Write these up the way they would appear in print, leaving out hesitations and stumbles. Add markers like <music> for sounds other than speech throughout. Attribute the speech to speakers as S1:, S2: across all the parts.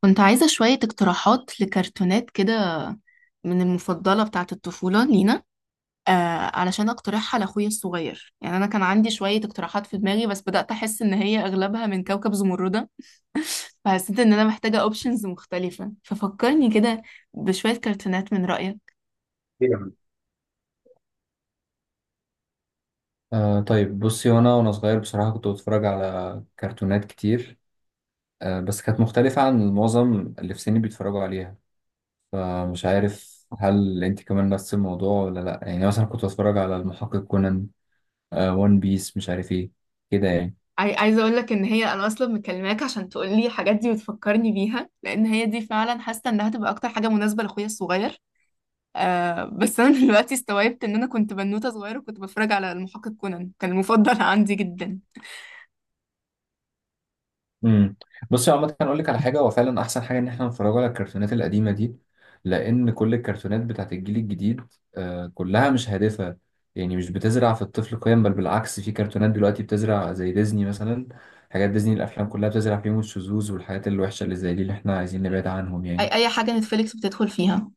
S1: كنت عايزة شوية اقتراحات لكرتونات كده من المفضلة بتاعة الطفولة لينا آه علشان اقترحها لأخويا الصغير. يعني أنا كان عندي شوية اقتراحات في دماغي، بس بدأت أحس إن هي أغلبها من كوكب زمردة، فحسيت إن أنا محتاجة أوبشنز مختلفة، ففكرني كده بشوية كرتونات من رأيك.
S2: أيوة. آه، طيب بصي، وانا صغير بصراحة كنت بتفرج على كرتونات كتير. بس كانت مختلفة عن معظم اللي في سني بيتفرجوا عليها. فمش عارف، هل انت كمان نفس الموضوع ولا لا؟ يعني مثلا كنت بتفرج على المحقق كونان، وان بيس، مش عارف ايه كده يعني.
S1: عايزة أقول لك إن هي أنا أصلا مكلماك عشان تقولي الحاجات دي وتفكرني بيها، لأن هي دي فعلا حاسة إنها تبقى أكتر حاجة مناسبة لأخويا الصغير. آه بس انا <laughs> دلوقتي استوعبت ان انا كنت بنوته صغيره وكنت بتفرج على المحقق كونان، كان المفضل <laughs> عندي جدا.
S2: امم بصي، عامة اقول لك على حاجة، هو فعلا احسن حاجة ان احنا نتفرج على الكرتونات القديمة دي، لان كل الكرتونات بتاعت الجيل الجديد كلها مش هادفة. يعني مش بتزرع في الطفل قيم، بل بالعكس في كرتونات دلوقتي بتزرع زي ديزني مثلا. حاجات ديزني الافلام كلها بتزرع فيهم الشذوذ والحاجات الوحشة اللي زي دي اللي احنا عايزين نبعد عنهم يعني.
S1: اي حاجه نتفليكس بتدخل فيها،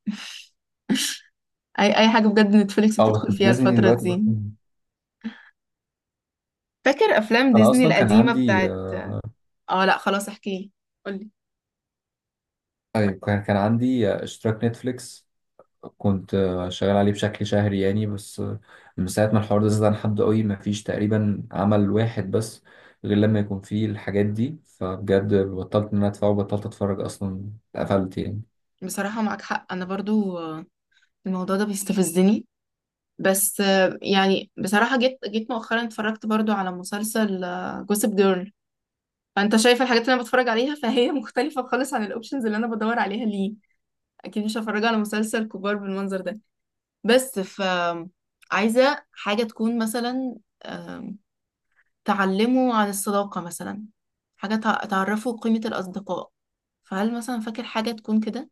S1: اي حاجه بجد نتفليكس
S2: اه
S1: بتدخل
S2: بس
S1: فيها
S2: ديزني
S1: الفتره
S2: دلوقتي
S1: دي. فاكر افلام
S2: انا
S1: ديزني
S2: اصلا كان
S1: القديمه
S2: عندي
S1: بتاعت؟ اه لا خلاص احكي لي، قولي.
S2: أيوة، كان عندي اشتراك نتفليكس. كنت شغال عليه بشكل شهري يعني، بس من ساعة ما الحوار ده زاد عن حد قوي مفيش تقريبا عمل واحد بس غير لما يكون فيه الحاجات دي، فبجد بطلت ان انا ادفعه وبطلت اتفرج اصلا، اتقفلت يعني.
S1: بصراحه معاك حق، انا برضو الموضوع ده بيستفزني. بس يعني بصراحه جيت مؤخرا اتفرجت برضو على مسلسل جوسب جيرل. فانت شايف الحاجات اللي انا بتفرج عليها، فهي <laughs> مختلفه خالص عن الاوبشنز اللي انا بدور عليها ليه. اكيد مش هفرجها على مسلسل كبار بالمنظر ده. بس ف عايزه حاجه تكون مثلا، آم، تعلمه عن الصداقه مثلا، حاجه تعرفه قيمه الاصدقاء. فهل مثلا فاكر حاجه تكون كده؟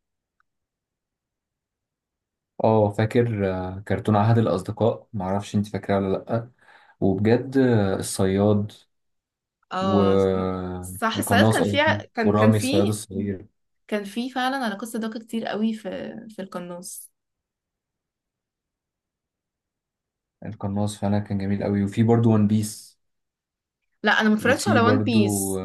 S2: اه فاكر كرتون عهد الاصدقاء، معرفش انت فاكراه ولا لأ. وبجد الصياد
S1: اه. صح، ساعات
S2: والقناص،
S1: كان في
S2: قصدي
S1: كان
S2: ورامي
S1: في،
S2: الصياد الصغير.
S1: كان في فعلا علاقات صداقه كتير قوي في، في القناص.
S2: القناص فعلا كان جميل قوي، وفي برضو ون بيس،
S1: لا انا ما اتفرجتش على
S2: وفي
S1: وان
S2: برضو
S1: بيس.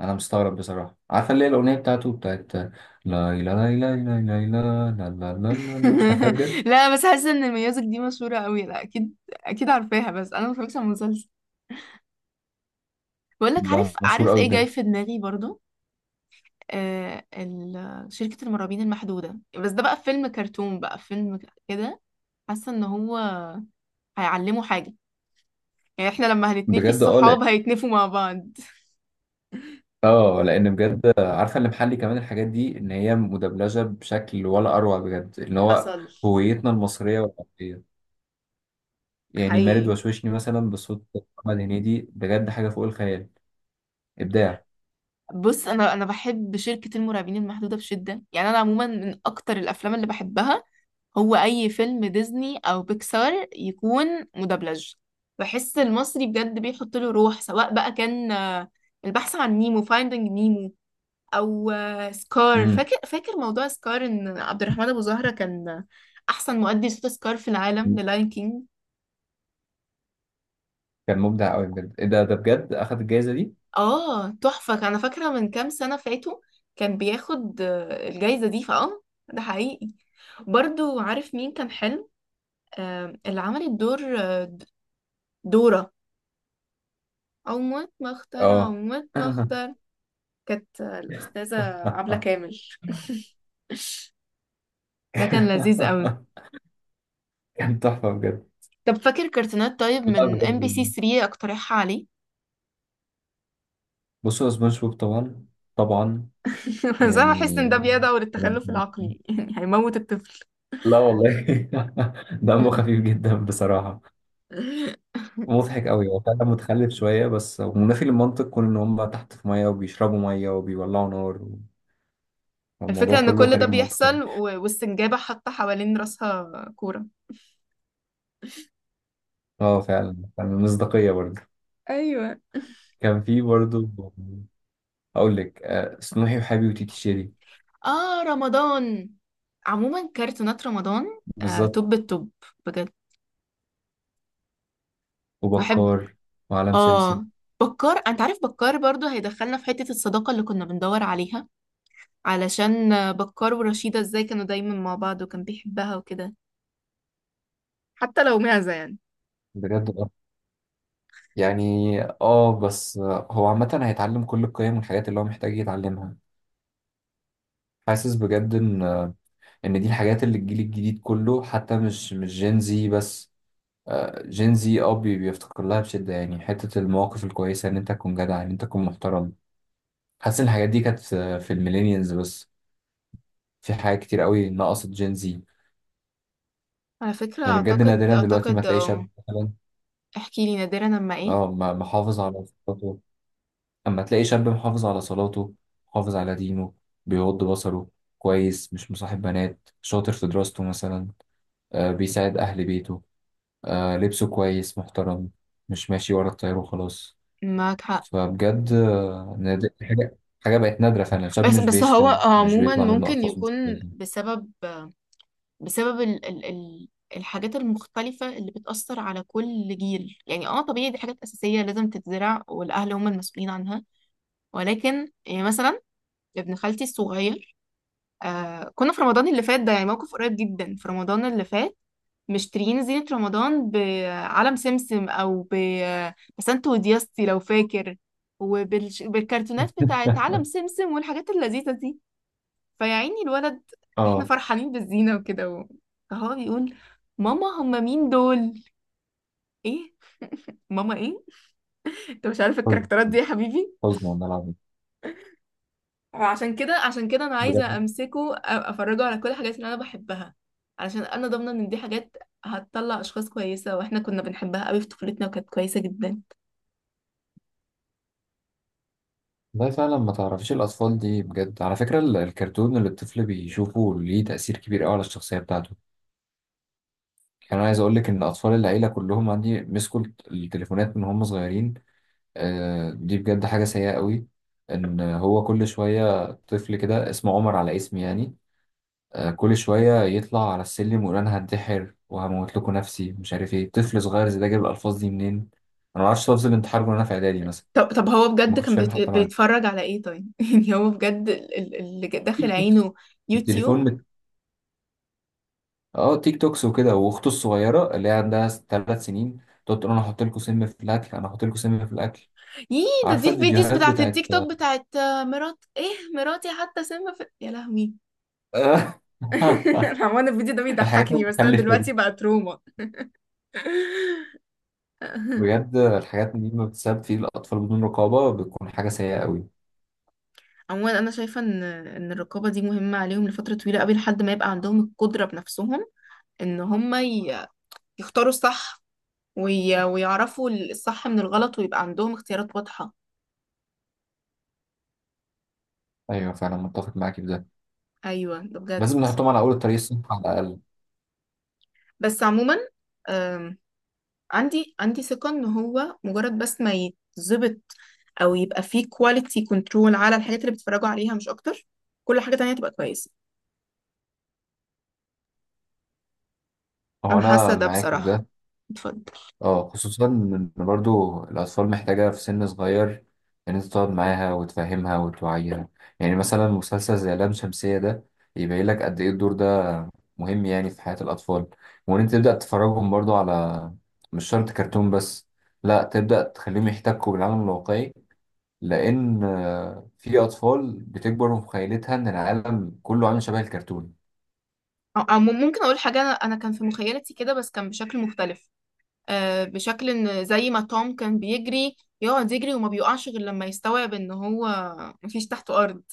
S2: انا مستغرب بصراحه عارفه اللي هي الاغنيه بتاعته بتاعت، لا لا لا لا لا لا لا لا لا لا لا مش عارفها
S1: <laughs>
S2: بجد.
S1: لا، بس حاسه ان ميوزك دي مشهوره قوي، لا اكيد اكيد عارفاها، بس انا ما اتفرجتش على المسلسل. بقولك، عارف
S2: ده مشهور
S1: عارف
S2: قوي
S1: ايه جاي
S2: بجد.
S1: في دماغي برضو؟ شركة المرعبين المحدودة، بس ده بقى فيلم كرتون، بقى فيلم كده. حاسة ان هو هيعلمه حاجة، يعني احنا لما هنتنفي
S2: بجد اه لأ.
S1: الصحاب هيتنفوا مع بعض.
S2: اه لان بجد عارفه اللي محلي كمان الحاجات دي ان هي مدبلجه بشكل ولا اروع بجد، اللي هو
S1: حصل.
S2: هويتنا المصريه والعربيه. يعني مارد
S1: حقيقي.
S2: وشوشني مثلا بصوت محمد هنيدي بجد حاجه فوق الخيال، ابداع.
S1: بص، انا بحب شركة المرعبين المحدودة بشدة، يعني انا عموما من اكتر الافلام اللي بحبها هو اي فيلم ديزني او بيكسار يكون مدبلج. بحس المصري بجد بيحط له روح، سواء بقى كان البحث عن نيمو، فايندينج نيمو، او سكار.
S2: امم
S1: فاكر موضوع سكار ان عبد الرحمن ابو زهرة كان احسن مؤدي صوت سكار في العالم للاين كينج؟
S2: كان مبدع قوي بجد. إيه ده بجد اخد الجائزه دي؟
S1: اه تحفة، انا فاكرة من كام سنة فاتوا كان بياخد الجايزة دي فاه. ده حقيقي. برضو عارف مين كان حلو؟ اللي عملت دور دورة، او موت مختار او
S2: اه.
S1: موت مختار كانت الاستاذة عبلة كامل. <laughs> ده كان لذيذ قوي.
S2: <laughs> كان تحفة بجد.
S1: طب فاكر كرتونات، طيب
S2: لا
S1: من ام بي سي
S2: بجد،
S1: 3 اقترحها عليك.
S2: بصوا سبونج بوب طبعا، طبعا
S1: <laughs> بس انا بحس ان ده
S2: يعني.
S1: بيدعو للتخلف العقلي، يعني هيموت الطفل.
S2: لا والله. <laughs> دمه خفيف
S1: <laughs>
S2: جدا بصراحة. مضحك قوي، هو فعلا متخلف شوية، بس منافي للمنطق كون إن هم تحت في مية وبيشربوا مية وبيولعوا نار،
S1: الفكرة
S2: والموضوع
S1: ان
S2: كله
S1: كل ده
S2: خارج المنطق يعني.
S1: بيحصل والسنجابة حاطة حوالين راسها كورة.
S2: اه فعلا فعلا، مصداقية برضه.
S1: ايوه.
S2: كان في برضه، أقول لك سنوحي وحبيبي وتيتي شيري.
S1: اه رمضان، عموما كرتونات رمضان
S2: بالظبط،
S1: توب التوب بجد. بحب.
S2: وبكار وعالم سمسم.
S1: اه بكار، انت عارف بكار برضو هيدخلنا في حتة الصداقة اللي كنا بندور عليها، علشان بكار ورشيدة ازاي كانوا دايما مع بعض وكان بيحبها وكده، حتى لو معزة يعني.
S2: بجد يعني اه، بس هو عامة هيتعلم كل القيم والحاجات اللي هو محتاج يتعلمها. حاسس بجد ان ان دي الحاجات اللي الجيل الجديد كله، حتى مش جين زي بس، جين زي اه بيفتقر لها بشدة يعني. حتة المواقف الكويسة، ان انت تكون جدع، ان انت تكون محترم. حاسس ان الحاجات دي كانت في الميلينيالز بس، في حاجات كتير قوي نقصت جين زي.
S1: على فكرة
S2: يعني بجد
S1: اعتقد
S2: نادرا دلوقتي ما
S1: اعتقد
S2: تلاقي شاب مثلا
S1: احكي لي، نادرا لما ايه؟
S2: اه، محافظ على صفاته. أما تلاقي شاب محافظ على صلاته، محافظ على دينه، بيغض بصره، كويس مش مصاحب بنات، شاطر في دراسته مثلا، آه بيساعد أهل بيته، آه لبسه كويس محترم، مش ماشي ورا التيار وخلاص.
S1: معاك حق.
S2: فبجد حاجة بقت نادرة فعلا. شاب
S1: بس
S2: مش
S1: بس هو
S2: بيشتم، مش
S1: عموما
S2: بيطلع منه
S1: ممكن
S2: ألفاظ مش
S1: يكون
S2: كويسة.
S1: بسبب، بسبب ال الحاجات المختلفة اللي بتأثر على كل جيل. يعني اه طبيعي، دي حاجات أساسية لازم تتزرع والأهل هم المسؤولين عنها. ولكن يعني مثلا ابن خالتي الصغير، كنا في رمضان اللي فات، ده يعني موقف قريب جدا في رمضان اللي فات. مشترين زينة رمضان بعلم سمسم أو بسنت ودياستي لو فاكر، وبالكرتونات بتاعت علم
S2: <laughs>
S1: سمسم والحاجات اللذيذة دي. فيا عيني الولد، احنا
S2: اه.
S1: فرحانين بالزينة وكده فهو بيقول، ماما هم مين دول؟ ايه؟ ماما ايه؟ انت مش عارف
S2: حزن،
S1: الكاركترات دي يا حبيبي؟
S2: حزن والله العظيم
S1: وعشان كده انا عايزة
S2: بجد.
S1: امسكه، افرجه على كل الحاجات اللي انا بحبها، علشان انا ضامنة ان دي حاجات هتطلع اشخاص كويسة، واحنا كنا بنحبها قوي في طفولتنا وكانت كويسة جدا.
S2: والله فعلا ما تعرفيش الأطفال دي. بجد على فكرة، الكرتون اللي الطفل بيشوفه ليه تأثير كبير أوي على الشخصية بتاعته. كان عايز اقول لك ان اطفال العيله كلهم عندي مسكوا التليفونات من هم صغيرين. دي بجد حاجه سيئه قوي، ان هو كل شويه طفل كده اسمه عمر على اسمي يعني، كل شويه يطلع على السلم ويقول انا هنتحر وهموت لكم نفسي مش عارف ايه. طفل صغير زي ده جاب الالفاظ دي منين؟ انا ما اعرفش لفظ الانتحار وانا في اعدادي مثلا.
S1: طب طب، هو
S2: ما
S1: بجد
S2: كنتش
S1: كان
S2: فاهم حتى معنى
S1: بيتفرج على ايه طيب؟ <laughs> يعني هو بجد اللي داخل
S2: تيك توكس.
S1: عينه
S2: التليفون
S1: يوتيوب؟
S2: اه تيك توكس وكده. واخته الصغيره اللي هي عندها 3 سنين تقعد تقول انا هحط لكم سم في الاكل، انا هحط لكم سم في الاكل.
S1: يي، ده
S2: عارفة
S1: دي الفيديوز
S2: الفيديوهات
S1: بتاعت
S2: بتاعت.
S1: التيك توك بتاعت مرات ايه، مراتي حتى سم في يا لهوي.
S2: <laughs>
S1: <laughs> عموما الفيديو ده
S2: الحاجات
S1: بيضحكني، بس انا
S2: المتخلفة دي.
S1: دلوقتي بقى تروما. <laughs>
S2: بجد الحاجات دي ما بتسبب في الأطفال بدون رقابة بتكون حاجة سيئة قوي.
S1: عموما انا شايفه ان الرقابه دي مهمه عليهم لفتره طويله قوي، لحد ما يبقى عندهم القدره بنفسهم ان هم يختاروا الصح، ويعرفوا الصح من الغلط ويبقى عندهم اختيارات واضحه.
S2: أيوة فعلا متفق معاكي في ده.
S1: ايوه ده بجد.
S2: لازم نحطهم على أول الطريق الصح على الأقل.
S1: بس عموما آم، عندي ثقة ان هو مجرد بس ما يتظبط، او يبقى فيه كواليتي كنترول على الحاجات اللي بيتفرجوا عليها مش اكتر، كل حاجة تانية تبقى كويسة.
S2: هو
S1: انا حاسة
S2: أنا
S1: ده
S2: معاكي في
S1: بصراحة.
S2: ده.
S1: اتفضل.
S2: اه خصوصا ان برضو الاطفال محتاجه في سن صغير ان انت تقعد معاها وتفهمها وتوعيها. يعني مثلا مسلسل زي لام شمسيه ده يبين لك قد ايه الدور ده مهم يعني في حياه الاطفال. وان انت تبدا تفرجهم برضو على، مش شرط كرتون بس لا، تبدا تخليهم يحتكوا بالعالم الواقعي، لان في اطفال بتكبر في مخيلتها ان العالم كله عامل شبه الكرتون.
S1: او ممكن اقول حاجة، انا كان في مخيلتي كده بس كان بشكل مختلف. بشكل ان زي ما توم كان بيجري، يقعد يجري وما بيقعش غير لما يستوعب ان هو مفيش تحته ارض.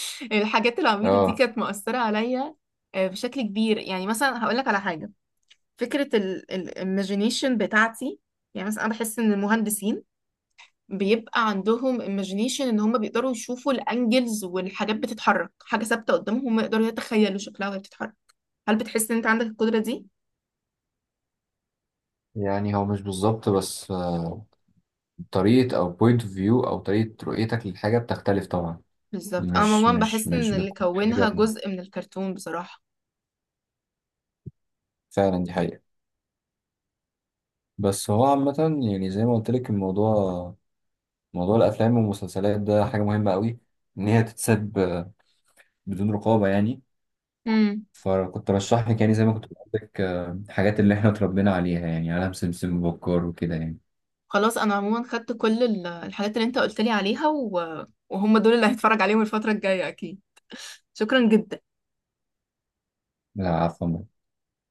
S1: <laughs> الحاجات العبيطة دي
S2: اه
S1: كانت مؤثرة عليا بشكل كبير. يعني مثلا هقول لك على حاجة، فكرة الايماجينيشن بتاعتي. يعني مثلا أنا بحس إن المهندسين بيبقى عندهم imagination إن هم بيقدروا يشوفوا الأنجلز، والحاجات بتتحرك حاجة ثابتة قدامهم هم يقدروا يتخيلوا شكلها وهي بتتحرك. هل بتحس إن أنت عندك القدرة دي؟
S2: يعني هو مش بالظبط، بس طريقة أو بوينت اوف فيو أو طريقة رؤيتك للحاجة بتختلف طبعا.
S1: بالظبط. أنا
S2: مش
S1: عموما
S2: مش
S1: بحس إن
S2: مش
S1: اللي
S2: بتكون
S1: كونها
S2: حاجة،
S1: جزء من الكرتون بصراحة.
S2: فعلا دي حقيقة. بس هو عامة، يعني زي ما قلت لك، الموضوع، موضوع الأفلام والمسلسلات ده حاجة مهمة قوي، إن هي تتساب بدون رقابة يعني.
S1: امم
S2: فكنت برشح لك، يعني زي ما كنت بقول لك الحاجات اللي إحنا اتربينا عليها يعني، عالم سمسم وبكار وكده يعني.
S1: خلاص، أنا عموما خدت كل الحاجات اللي أنت قلت لي عليها، و... وهم دول اللي هتفرج عليهم الفترة الجاية أكيد. شكرا جدا.
S2: لا عفوا.